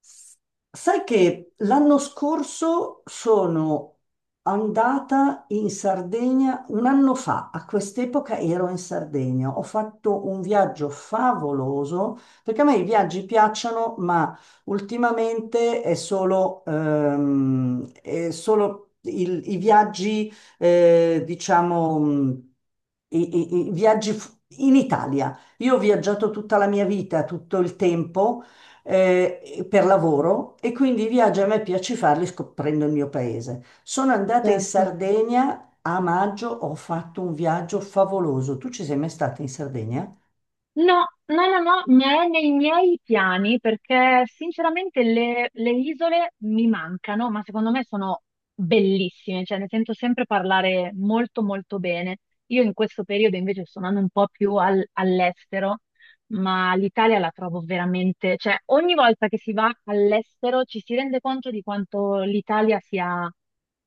S- Sai che l'anno scorso sono andata in Sardegna, un anno fa, a quest'epoca ero in Sardegna, ho fatto un viaggio favoloso, perché a me i viaggi piacciono, ma ultimamente è solo i viaggi, diciamo, i viaggi in Italia. Io ho viaggiato tutta la mia vita, tutto il tempo per lavoro e quindi i viaggi a me piace farli scoprendo il mio paese. Sono andata in Certo. Sardegna a maggio, ho fatto un viaggio favoloso. Tu ci sei mai stata in Sardegna? No, no, no, no, ma è nei miei piani perché sinceramente le isole mi mancano, ma secondo me sono bellissime, cioè ne sento sempre parlare molto molto bene. Io in questo periodo invece sto andando un po' più all'estero, ma l'Italia la trovo veramente, cioè ogni volta che si va all'estero ci si rende conto di quanto l'Italia sia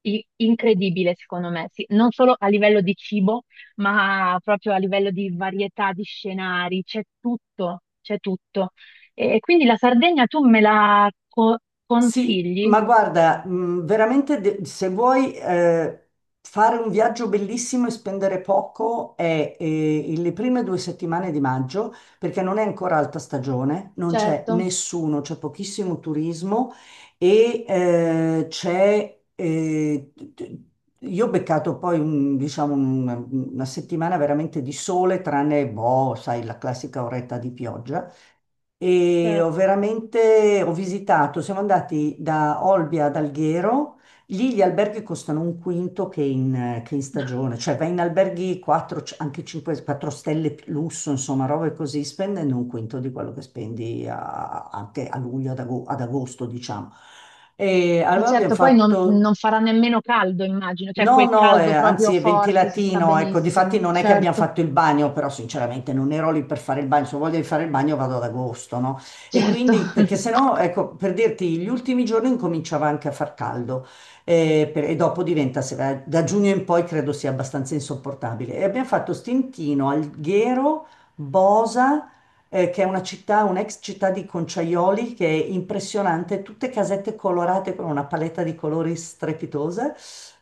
incredibile, secondo me, sì, non solo a livello di cibo ma proprio a livello di varietà di scenari, c'è tutto, c'è tutto. E quindi la Sardegna tu me la Sì, consigli? ma guarda, veramente se vuoi fare un viaggio bellissimo e spendere poco è, le prime due settimane di maggio, perché non è ancora alta stagione, non c'è Certo. nessuno, c'è pochissimo turismo e c'è... io ho beccato poi diciamo, una settimana veramente di sole, tranne, boh, sai, la classica oretta di pioggia e ho Certo. veramente, ho visitato, siamo andati da Olbia ad Alghero, lì gli alberghi costano un quinto che in stagione, cioè vai in alberghi 4, anche 5, 4 stelle più lusso, insomma, robe così, spendendo un quinto di quello che spendi anche a luglio, ad agosto, diciamo. E E allora abbiamo certo, poi non, fatto. non farà nemmeno caldo, immagino, cioè No, quel no, caldo proprio anzi è forte si sta ventilatino, ecco, difatti benissimo, non è che abbiamo certo, fatto il bagno, però sinceramente non ero lì per fare il bagno, se ho voglia di fare il bagno vado ad agosto, no? E certo. quindi, perché se no, ecco, per dirti, gli ultimi giorni incominciava anche a far caldo e dopo diventa, da giugno in poi credo sia abbastanza insopportabile. E abbiamo fatto Stintino, Alghero, Bosa che è una città, un'ex città di Conciaioli, che è impressionante, tutte casette colorate con una paletta di colori strepitosa.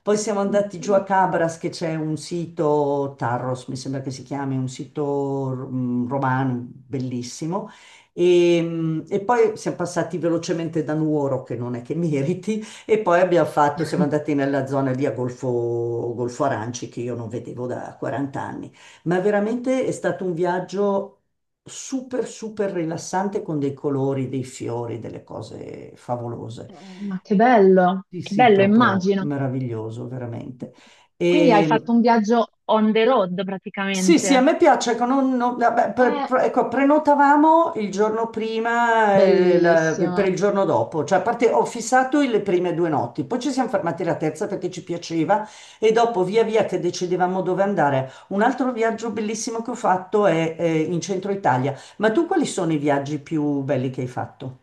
Poi siamo Che andati giù a bello. Cabras, che c'è un sito, Tarros mi sembra che si chiami, un sito mm, romano bellissimo. E, mm, e poi siamo passati velocemente da Nuoro, che non è che meriti, e poi abbiamo fatto, siamo andati nella zona lì a Golfo, Golfo Aranci, che io non vedevo da 40 anni, ma veramente è stato un viaggio super, super rilassante con dei colori, dei fiori, delle cose favolose. Ma Sì, che sì, bello, proprio immagino. meraviglioso, veramente. Quindi hai E fatto un viaggio on the road sì, sì, a praticamente. me piace, ecco, vabbè, È ecco, prenotavamo il giorno prima per il bellissimo. giorno dopo, cioè a parte, ho fissato le prime due notti, poi ci siamo fermati la terza perché ci piaceva e dopo via via che decidevamo dove andare. Un altro viaggio bellissimo che ho fatto è, in centro Italia, ma tu quali sono i viaggi più belli che hai fatto?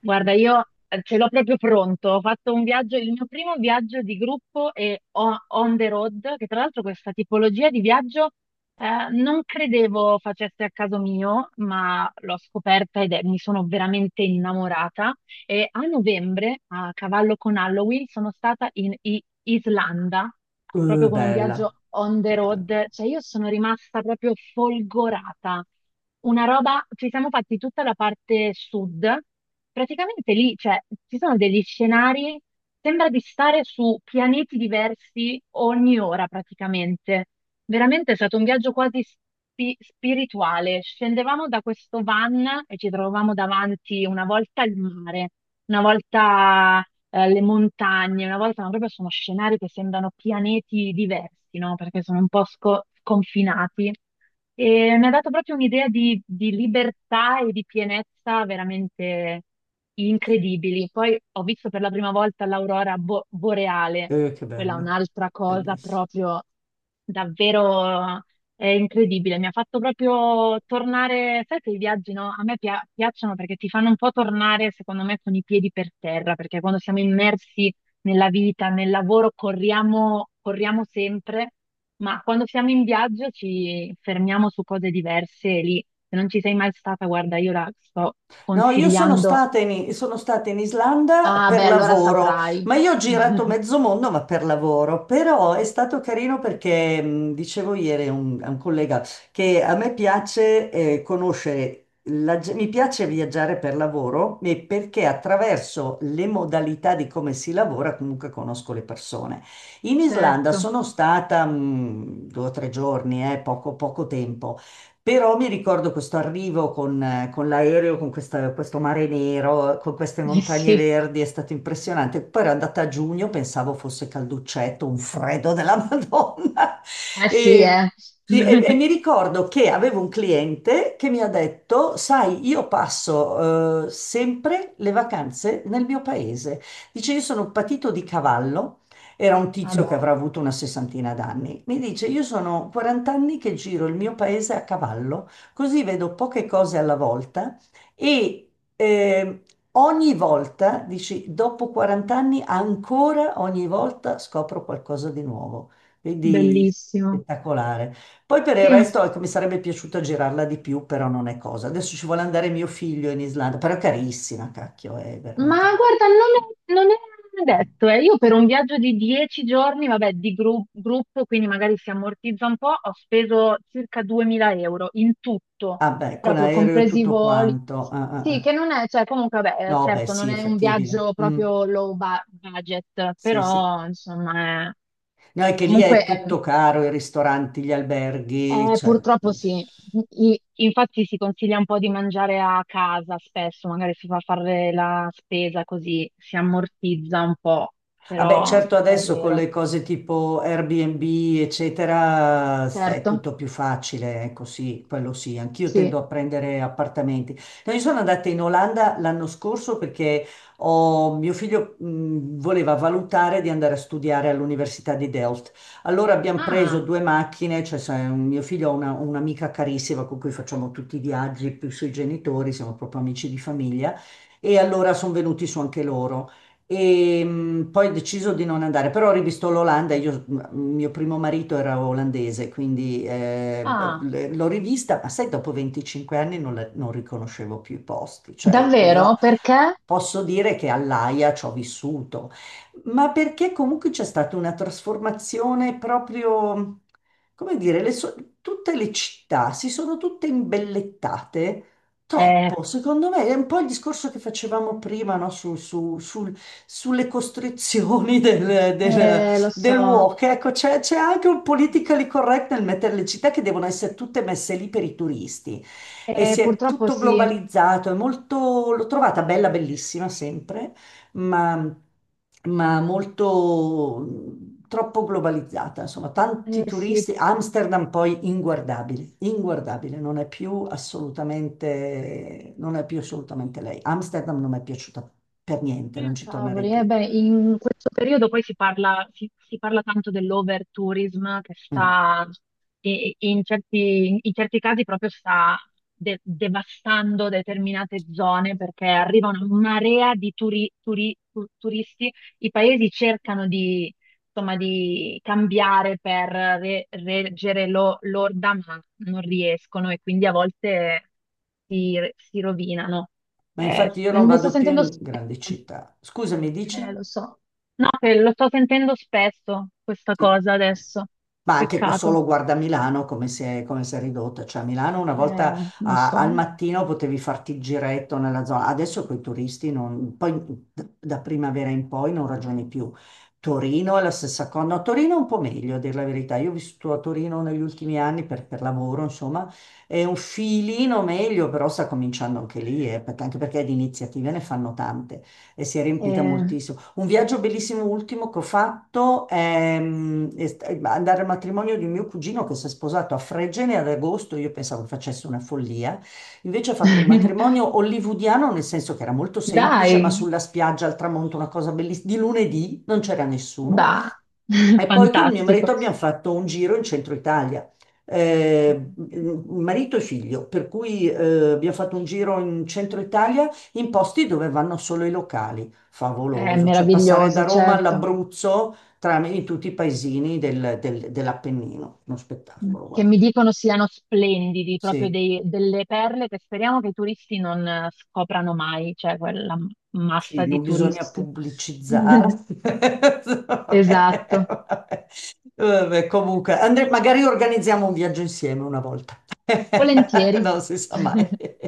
Guarda, io ce l'ho proprio pronto. Ho fatto un viaggio, il mio primo viaggio di gruppo e on the road, che tra l'altro questa tipologia di viaggio non credevo facesse a caso mio, ma l'ho scoperta ed mi sono veramente innamorata. E a novembre, a cavallo con Halloween, sono stata in Islanda, proprio con un viaggio Bella, on the bella. road, cioè io sono rimasta proprio folgorata. Una roba, ci siamo fatti tutta la parte sud, praticamente lì, cioè, ci sono degli scenari, sembra di stare su pianeti diversi ogni ora praticamente. Veramente è stato un viaggio quasi spirituale. Scendevamo da questo van e ci trovavamo davanti una volta il mare, una volta le montagne, una volta, ma proprio sono scenari che sembrano pianeti diversi, no? Perché sono un po' sconfinati. E mi ha dato proprio un'idea di libertà e di pienezza veramente incredibili. Poi ho visto per la prima volta l'aurora boreale, Che quella è bello, un'altra cosa bellissimo. proprio davvero è incredibile, mi ha fatto proprio tornare, sai che i viaggi no? A me piacciono perché ti fanno un po' tornare, secondo me, con i piedi per terra, perché quando siamo immersi nella vita, nel lavoro, corriamo, corriamo sempre, ma quando siamo in viaggio ci fermiamo su cose diverse e lì, se non ci sei mai stata, guarda, io la sto No, io sono consigliando. Sono stata in Islanda Ah, per beh, allora lavoro, saprai. ma io ho girato mezzo mondo, ma per lavoro. Però è stato carino perché, dicevo ieri a un collega, che a me piace conoscere, mi piace viaggiare per lavoro e perché attraverso le modalità di come si lavora comunque conosco le persone. In Islanda Certo. sono stata due o tre giorni, poco, poco tempo. Però mi ricordo questo arrivo con l'aereo, con questo mare nero, con queste Eh montagne sì, verdi, è stato impressionante. Poi ero andata a giugno, pensavo fosse calduccetto, un freddo della Madonna. eh sì, E, eh. sì, e mi ricordo che avevo un cliente che mi ha detto, sai, io passo sempre le vacanze nel mio paese. Dice, io sono un patito di cavallo, era un tizio Vabbè, che avrà avuto una sessantina d'anni. Mi dice: "Io sono 40 anni che giro il mio paese a cavallo, così vedo poche cose alla volta e ehm, ogni volta", dici, "dopo 40 anni, ancora ogni volta scopro qualcosa di nuovo". Quindi bellissimo. spettacolare. Poi per il Sì. resto, ecco, mi sarebbe piaciuto girarla di più, però non è cosa. Adesso ci vuole andare mio figlio in Islanda, però è carissima, cacchio, è Ma veramente. guarda, non è detto, eh. Io per un viaggio di 10 giorni, vabbè, di gruppo, quindi magari si ammortizza un po', ho speso circa 2000 euro in tutto, Ah beh, con proprio aereo e compresi i tutto voli. quanto. Ah, ah, Sì, ah. che non è, cioè comunque, vabbè, No, beh, certo, non sì, è è un fattibile. viaggio Mm, proprio low budget, sì, sì. però insomma, No, è che lì comunque è è, tutto caro, i ristoranti, gli alberghi, cioè... eh, purtroppo sì. Infatti si consiglia un po' di mangiare a casa spesso, magari si fa fare la spesa così si ammortizza un po', vabbè, però certo è adesso con vero. le cose tipo Airbnb, eccetera, è Certo, tutto più facile, ecco sì, quello sì, anch'io sì. tendo a prendere appartamenti. No, io sono andata in Olanda l'anno scorso perché mio figlio voleva valutare di andare a studiare all'Università di Delft. Allora abbiamo preso Ah, due macchine, cioè sai, mio figlio ha un'amica carissima con cui facciamo tutti i viaggi, più i suoi genitori, siamo proprio amici di famiglia, e allora sono venuti su anche loro. E poi ho deciso di non andare, però ho rivisto l'Olanda, io, mio primo marito era olandese, quindi ah. L'ho rivista, ma sai, dopo 25 anni non, non riconoscevo più i posti, cioè io Davvero? Perché? posso dire che all'Aia ci ho vissuto, ma perché comunque c'è stata una trasformazione proprio, come dire, tutte le città si sono tutte imbellettate Eh, troppo, secondo me è un po' il discorso che facevamo prima, no? Sulle costrizioni eh, lo del so. walk. Ecco, c'è anche un politically correct nel mettere le città che devono essere tutte messe lì per i turisti. E si è Purtroppo tutto sì. globalizzato, è molto, l'ho trovata bella, bellissima sempre, ma, ma molto troppo globalizzata, insomma, tanti turisti. Sì. Amsterdam poi inguardabile, inguardabile, non è più assolutamente, non è più assolutamente lei. Amsterdam non mi è piaciuta per niente, Mm, non ci tornerei cavoli, eh più. beh, in questo periodo poi si parla, si parla tanto dell'overtourism che Mm. sta, e in certi casi proprio sta devastando determinate zone perché arriva una marea di turisti, i paesi cercano di, insomma, di cambiare per reggere l'orda, ma non riescono e quindi a volte si rovinano. Ma infatti io non Ne sto vado più sentendo in spesso. grandi città. Scusami, dici? Lo so. No, che lo sto sentendo spesso questa Sì. cosa adesso. Ma anche Peccato. solo guarda Milano come si è ridotta. Cioè, a Milano una volta Lo al so. mattino potevi farti il giretto nella zona, adesso con i turisti non, poi da primavera in poi non ragioni più. Torino è la stessa cosa. No, Torino è un po' meglio, a dire la verità. Io ho vissuto a Torino negli ultimi anni per lavoro, insomma, è un filino meglio, però sta cominciando anche lì, anche perché di iniziative ne fanno tante e si è riempita Eh. moltissimo. Un viaggio bellissimo ultimo che ho fatto è, mm, è andare al matrimonio di un mio cugino che si è sposato a Fregene ad agosto. Io pensavo che facesse una follia. Invece ha fatto un matrimonio hollywoodiano, nel senso che era molto semplice, ma Dai, sulla spiaggia al tramonto, una cosa bellissima. Di lunedì non c'era nessuno. bah. E poi con mio marito Fantastico. abbiamo fatto un giro in centro Italia, marito e figlio, per cui abbiamo fatto un giro in centro Italia in posti dove vanno solo i locali, È favoloso, cioè passare da meraviglioso, Roma certo. all'Abruzzo tra, in tutti i paesini dell'Appennino, uno spettacolo, Che mi guarda. dicono siano splendidi, proprio Sì. Delle perle che speriamo che i turisti non scoprano mai, cioè quella massa Sì, di non bisogna turisti. pubblicizzare. Vabbè, Esatto. vabbè, vabbè, comunque, magari organizziamo un viaggio insieme una volta. Volentieri. Non si sa mai.